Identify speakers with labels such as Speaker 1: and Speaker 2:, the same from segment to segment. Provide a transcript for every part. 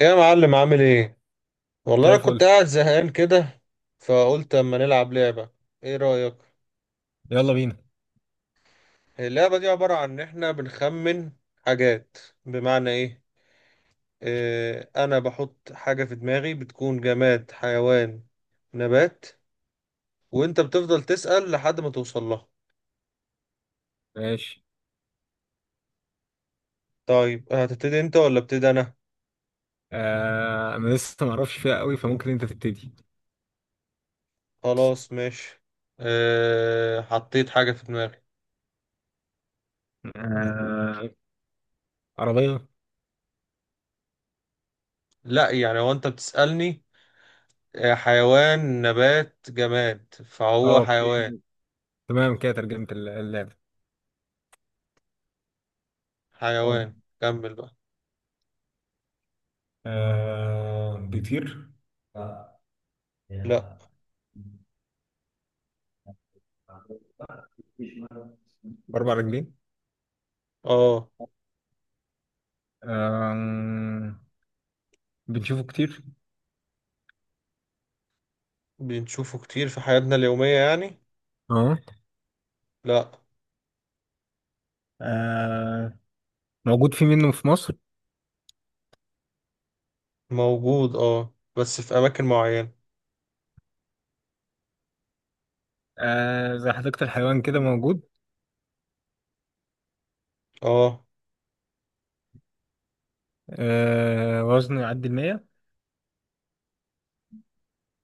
Speaker 1: ايه يا معلم عامل ايه؟ والله
Speaker 2: زي
Speaker 1: انا
Speaker 2: الفل.
Speaker 1: كنت قاعد زهقان كده، فقلت اما نلعب لعبة. ايه رأيك؟
Speaker 2: يلا بينا.
Speaker 1: اللعبة دي عبارة عن ان احنا بنخمن حاجات. بمعنى ايه؟ إيه، انا بحط حاجة في دماغي بتكون جماد، حيوان، نبات، وانت بتفضل تسأل لحد ما توصل لها.
Speaker 2: ماشي.
Speaker 1: طيب هتبتدي انت ولا ابتدي انا؟
Speaker 2: انا لسه ما اعرفش فيها قوي، فممكن انت تبتدي.
Speaker 1: خلاص ماشي. إيه، حطيت حاجة في دماغي.
Speaker 2: آه عربية.
Speaker 1: لا، يعني هو انت بتسألني. آه، حيوان نبات جماد، فهو
Speaker 2: اوكي،
Speaker 1: حيوان.
Speaker 2: تمام كده ترجمة اللعبة. أوه.
Speaker 1: حيوان. كمل بقى.
Speaker 2: بيطير؟
Speaker 1: لا.
Speaker 2: باربع رجلين؟
Speaker 1: اه.
Speaker 2: آه بنشوفه كتير؟
Speaker 1: بنشوفه كتير في حياتنا اليومية يعني.
Speaker 2: اه.
Speaker 1: لا.
Speaker 2: آه موجود في منه في مصر؟
Speaker 1: موجود اه، بس في أماكن معينة.
Speaker 2: زي حديقة الحيوان كده موجود؟
Speaker 1: اه.
Speaker 2: وزنه يعدي المية؟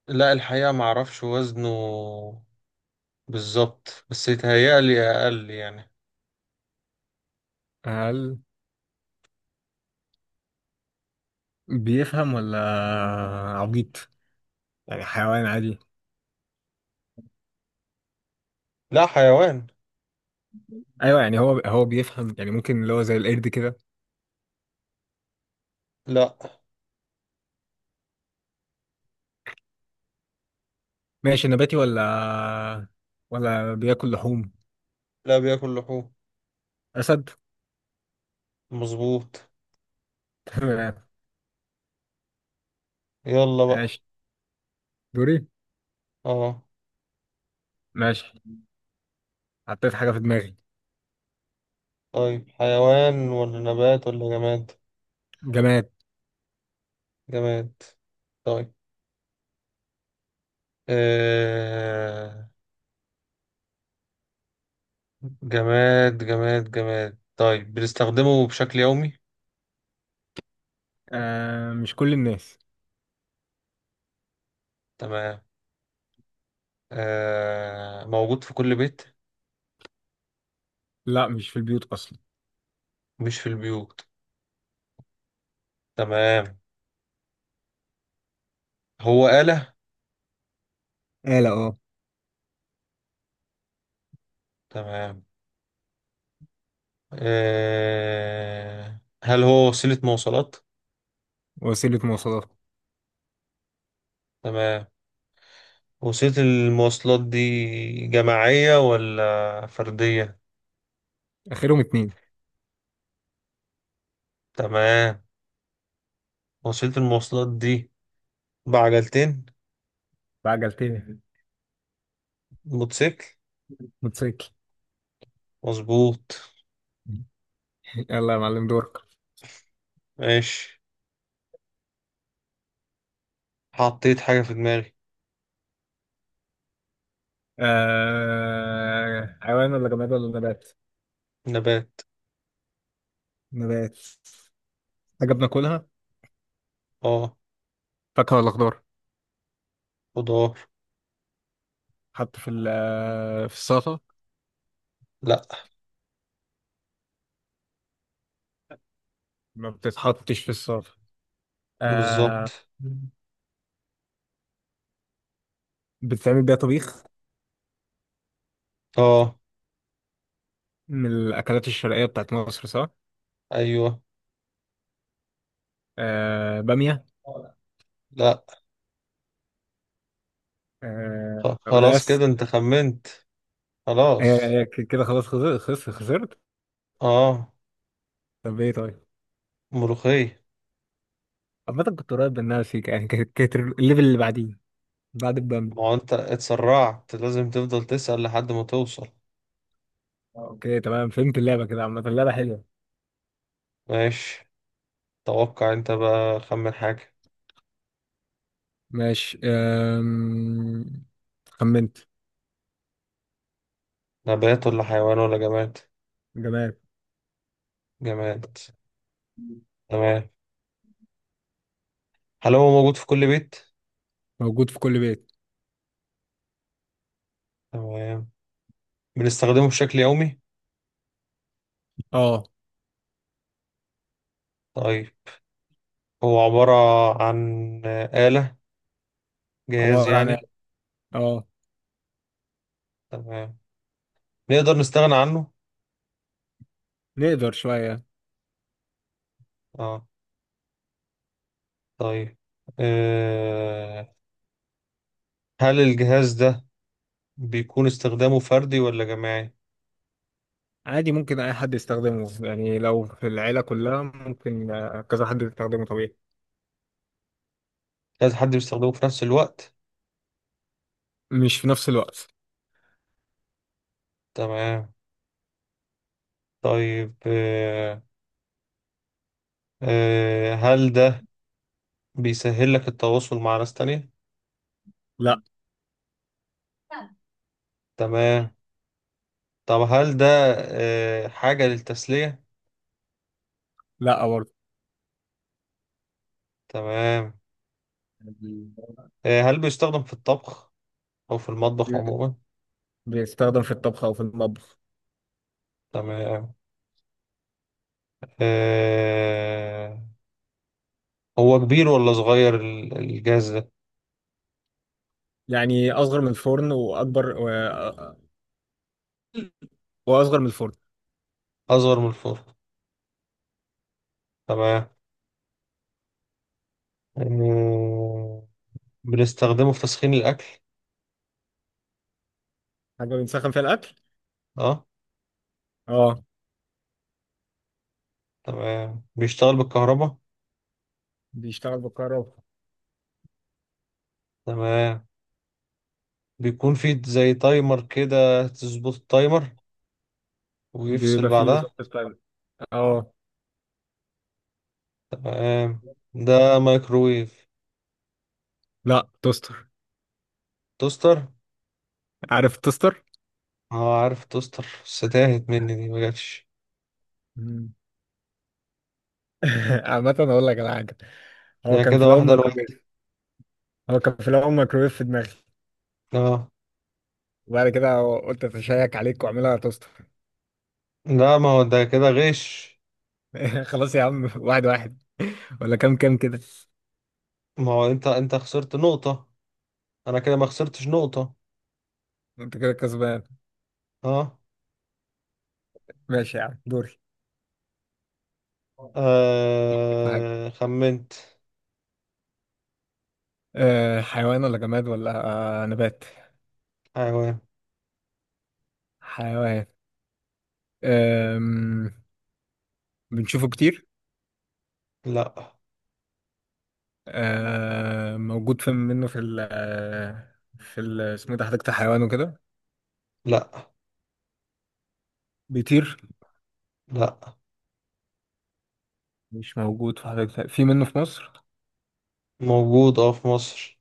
Speaker 1: لا الحقيقة معرفش وزنه بالظبط، بس يتهيألي أقل يعني.
Speaker 2: هل بيفهم ولا عبيط؟ يعني حيوان عادي؟
Speaker 1: لا حيوان.
Speaker 2: ايوه، يعني هو بيفهم، يعني ممكن اللي هو زي القرد كده؟
Speaker 1: لا
Speaker 2: ماشي، نباتي ولا بياكل لحوم؟
Speaker 1: لا، بياكل لحوم.
Speaker 2: اسد؟
Speaker 1: مظبوط.
Speaker 2: تمام.
Speaker 1: يلا بقى.
Speaker 2: ماشي، دوري.
Speaker 1: اه.
Speaker 2: ماشي، حطيت حاجه في دماغي.
Speaker 1: طيب حيوان ولا نبات ولا جماد؟
Speaker 2: جماد.
Speaker 1: جماد. طيب. آه... جماد جماد جماد. طيب، بنستخدمه بشكل يومي.
Speaker 2: مش كل الناس.
Speaker 1: تمام. آه، موجود في كل بيت.
Speaker 2: لا، مش في البيوت اصلا.
Speaker 1: مش في البيوت. تمام. هو آلة.
Speaker 2: آلة، اه.
Speaker 1: تمام. آه، هل هو وسيلة مواصلات؟
Speaker 2: وسيله مواصلات.
Speaker 1: تمام. وسيلة المواصلات دي جماعية ولا فردية؟
Speaker 2: اخرهم اتنين.
Speaker 1: تمام. وسيلة المواصلات دي بعجلتين.
Speaker 2: بعجلتين.
Speaker 1: موتوسيكل.
Speaker 2: موتوسيكل.
Speaker 1: مظبوط.
Speaker 2: يلا يا معلم، دورك.
Speaker 1: ماشي، حطيت حاجة في دماغي.
Speaker 2: حيوان ولا جماد ولا نبات؟
Speaker 1: نبات.
Speaker 2: نبات. حاجة بناكلها.
Speaker 1: اه.
Speaker 2: فاكهة ولا خضار؟
Speaker 1: خضار.
Speaker 2: حط في في السلطة؟
Speaker 1: لا.
Speaker 2: ما بتتحطش في السلطة.
Speaker 1: بالظبط.
Speaker 2: آه. بتتعمل بيها طبيخ.
Speaker 1: اه.
Speaker 2: من الأكلات الشرقية بتاعت مصر، صح؟
Speaker 1: ايوه.
Speaker 2: بامية؟
Speaker 1: لا. خلاص
Speaker 2: قلقاس؟
Speaker 1: كده انت خمنت.
Speaker 2: هي
Speaker 1: خلاص.
Speaker 2: هي كده خلاص، خسرت خسرت خسرت.
Speaker 1: اه.
Speaker 2: طب ايه طيب؟
Speaker 1: ملوخية.
Speaker 2: عامة كنت قريب منها سيكا، يعني كانت الليفل اللي بعديه، بعد البامية.
Speaker 1: ما هو انت اتسرعت، لازم تفضل تسأل لحد ما توصل.
Speaker 2: اوكي تمام، فهمت اللعبة، كده عامة اللعبة حلوة.
Speaker 1: ماشي، توقع انت بقى، خمن حاجة.
Speaker 2: ماشي. خمنت.
Speaker 1: نبات ولا حيوان ولا جماد؟
Speaker 2: جمال.
Speaker 1: جماد. تمام. هل هو موجود في كل بيت؟
Speaker 2: موجود في كل بيت.
Speaker 1: تمام. بنستخدمه بشكل يومي.
Speaker 2: اه.
Speaker 1: طيب، هو عبارة عن آلة، جهاز
Speaker 2: عبارة عن ايه؟
Speaker 1: يعني.
Speaker 2: اه.
Speaker 1: تمام. نقدر نستغنى عنه.
Speaker 2: نقدر شوية.
Speaker 1: اه. طيب، أه، هل الجهاز ده بيكون استخدامه فردي ولا جماعي؟
Speaker 2: عادي، ممكن أي حد يستخدمه، يعني لو في العيلة كلها ممكن كذا حد يستخدمه طبيعي.
Speaker 1: لازم حد بيستخدمه في نفس الوقت؟
Speaker 2: مش في نفس الوقت.
Speaker 1: تمام. طيب أه، أه هل ده بيسهل لك التواصل مع ناس تانية؟
Speaker 2: لا.
Speaker 1: تمام. طب هل ده أه حاجة للتسلية؟
Speaker 2: لا برضه.
Speaker 1: تمام.
Speaker 2: بي-
Speaker 1: أه هل بيستخدم في الطبخ أو في المطبخ عموما؟
Speaker 2: بيستخدم في الطبخ أو في المطبخ.
Speaker 1: تمام. أه، هو كبير ولا صغير الجهاز ده؟
Speaker 2: يعني أصغر من الفرن، وأكبر و... آه، وأصغر من الفرن.
Speaker 1: أصغر من الفرن. تمام. آه، بنستخدمه في تسخين الأكل.
Speaker 2: حاجة بنسخن فيها الأكل.
Speaker 1: اه.
Speaker 2: اه.
Speaker 1: تمام، بيشتغل بالكهرباء.
Speaker 2: بيشتغل بالكهرباء.
Speaker 1: تمام. بيكون فيه زي تايمر كده، تظبط التايمر ويفصل
Speaker 2: بيبقى فيه
Speaker 1: بعدها.
Speaker 2: ظبط تايم. اه.
Speaker 1: تمام. ده مايكرويف؟
Speaker 2: لا، توستر.
Speaker 1: توستر.
Speaker 2: عارف التوستر؟
Speaker 1: اه عارف توستر، بس تاهت مني دي، ما جاتش.
Speaker 2: مم. عامة أقول لك على حاجة. هو
Speaker 1: يعني
Speaker 2: كان في
Speaker 1: كده
Speaker 2: الأول
Speaker 1: واحدة لواحدة.
Speaker 2: ميكروويف. هو كان في الاول ميكروويف في دماغي،
Speaker 1: اه.
Speaker 2: وبعد كده قلت اتشيك عليك واعملها توست.
Speaker 1: لا ما هو ده كده غش.
Speaker 2: خلاص يا عم، واحد واحد ولا كام كام كده.
Speaker 1: ما هو انت خسرت نقطة، انا كده ما خسرتش نقطة.
Speaker 2: انت كده كسبان.
Speaker 1: اه.
Speaker 2: ماشي يا عم، دوري. حاجة.
Speaker 1: آه خمنت
Speaker 2: حيوان ولا جماد ولا نبات؟
Speaker 1: حيوان.
Speaker 2: حيوان. أم... بنشوفه كتير؟
Speaker 1: لا.
Speaker 2: موجود في منه في ال اسمه إيه ده، حديقة الحيوان وكده؟
Speaker 1: لا.
Speaker 2: بيطير؟
Speaker 1: لا.
Speaker 2: مش موجود في حديقة، في منه في مصر؟
Speaker 1: موجود اه في مصر.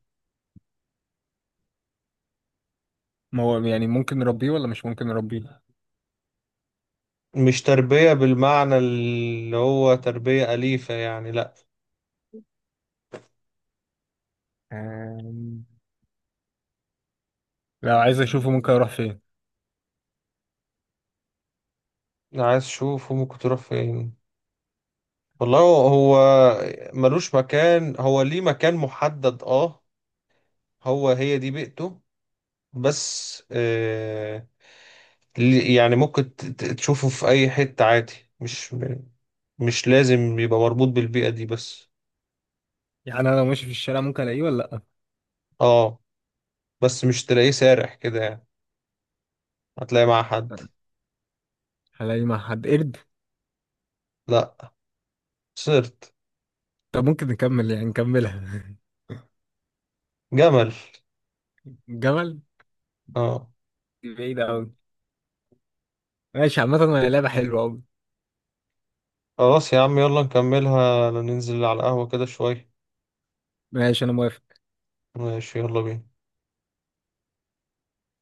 Speaker 2: ما هو يعني ممكن نربيه ولا مش ممكن نربيه؟
Speaker 1: مش تربية بالمعنى اللي هو تربية أليفة يعني، لأ.
Speaker 2: أم، لو عايز اشوفه ممكن اروح فين؟
Speaker 1: عايز أشوف ممكن تروح فين؟ والله، هو ملوش مكان، هو ليه مكان محدد، اه. هو هي دي بيئته. بس آه، يعني ممكن تشوفه في أي حتة عادي. مش مش لازم يبقى مربوط بالبيئة دي بس.
Speaker 2: يعني انا لو ماشي في الشارع ممكن الاقيه ولا؟
Speaker 1: اه، بس مش تلاقيه سارح كده يعني، هتلاقيه مع حد.
Speaker 2: لا. هلاقيه مع حد؟ قرد؟
Speaker 1: لأ. صرت.
Speaker 2: طب ممكن نكمل، يعني نكملها.
Speaker 1: جمل.
Speaker 2: جمل.
Speaker 1: اه.
Speaker 2: دي بعيدة أوي. ماشي، عامة هي لعبة حلوة أوي.
Speaker 1: خلاص يا عم، يلا نكملها ننزل على القهوة كده شوية.
Speaker 2: ماشي، أنا موافق.
Speaker 1: ماشي، يلا بينا.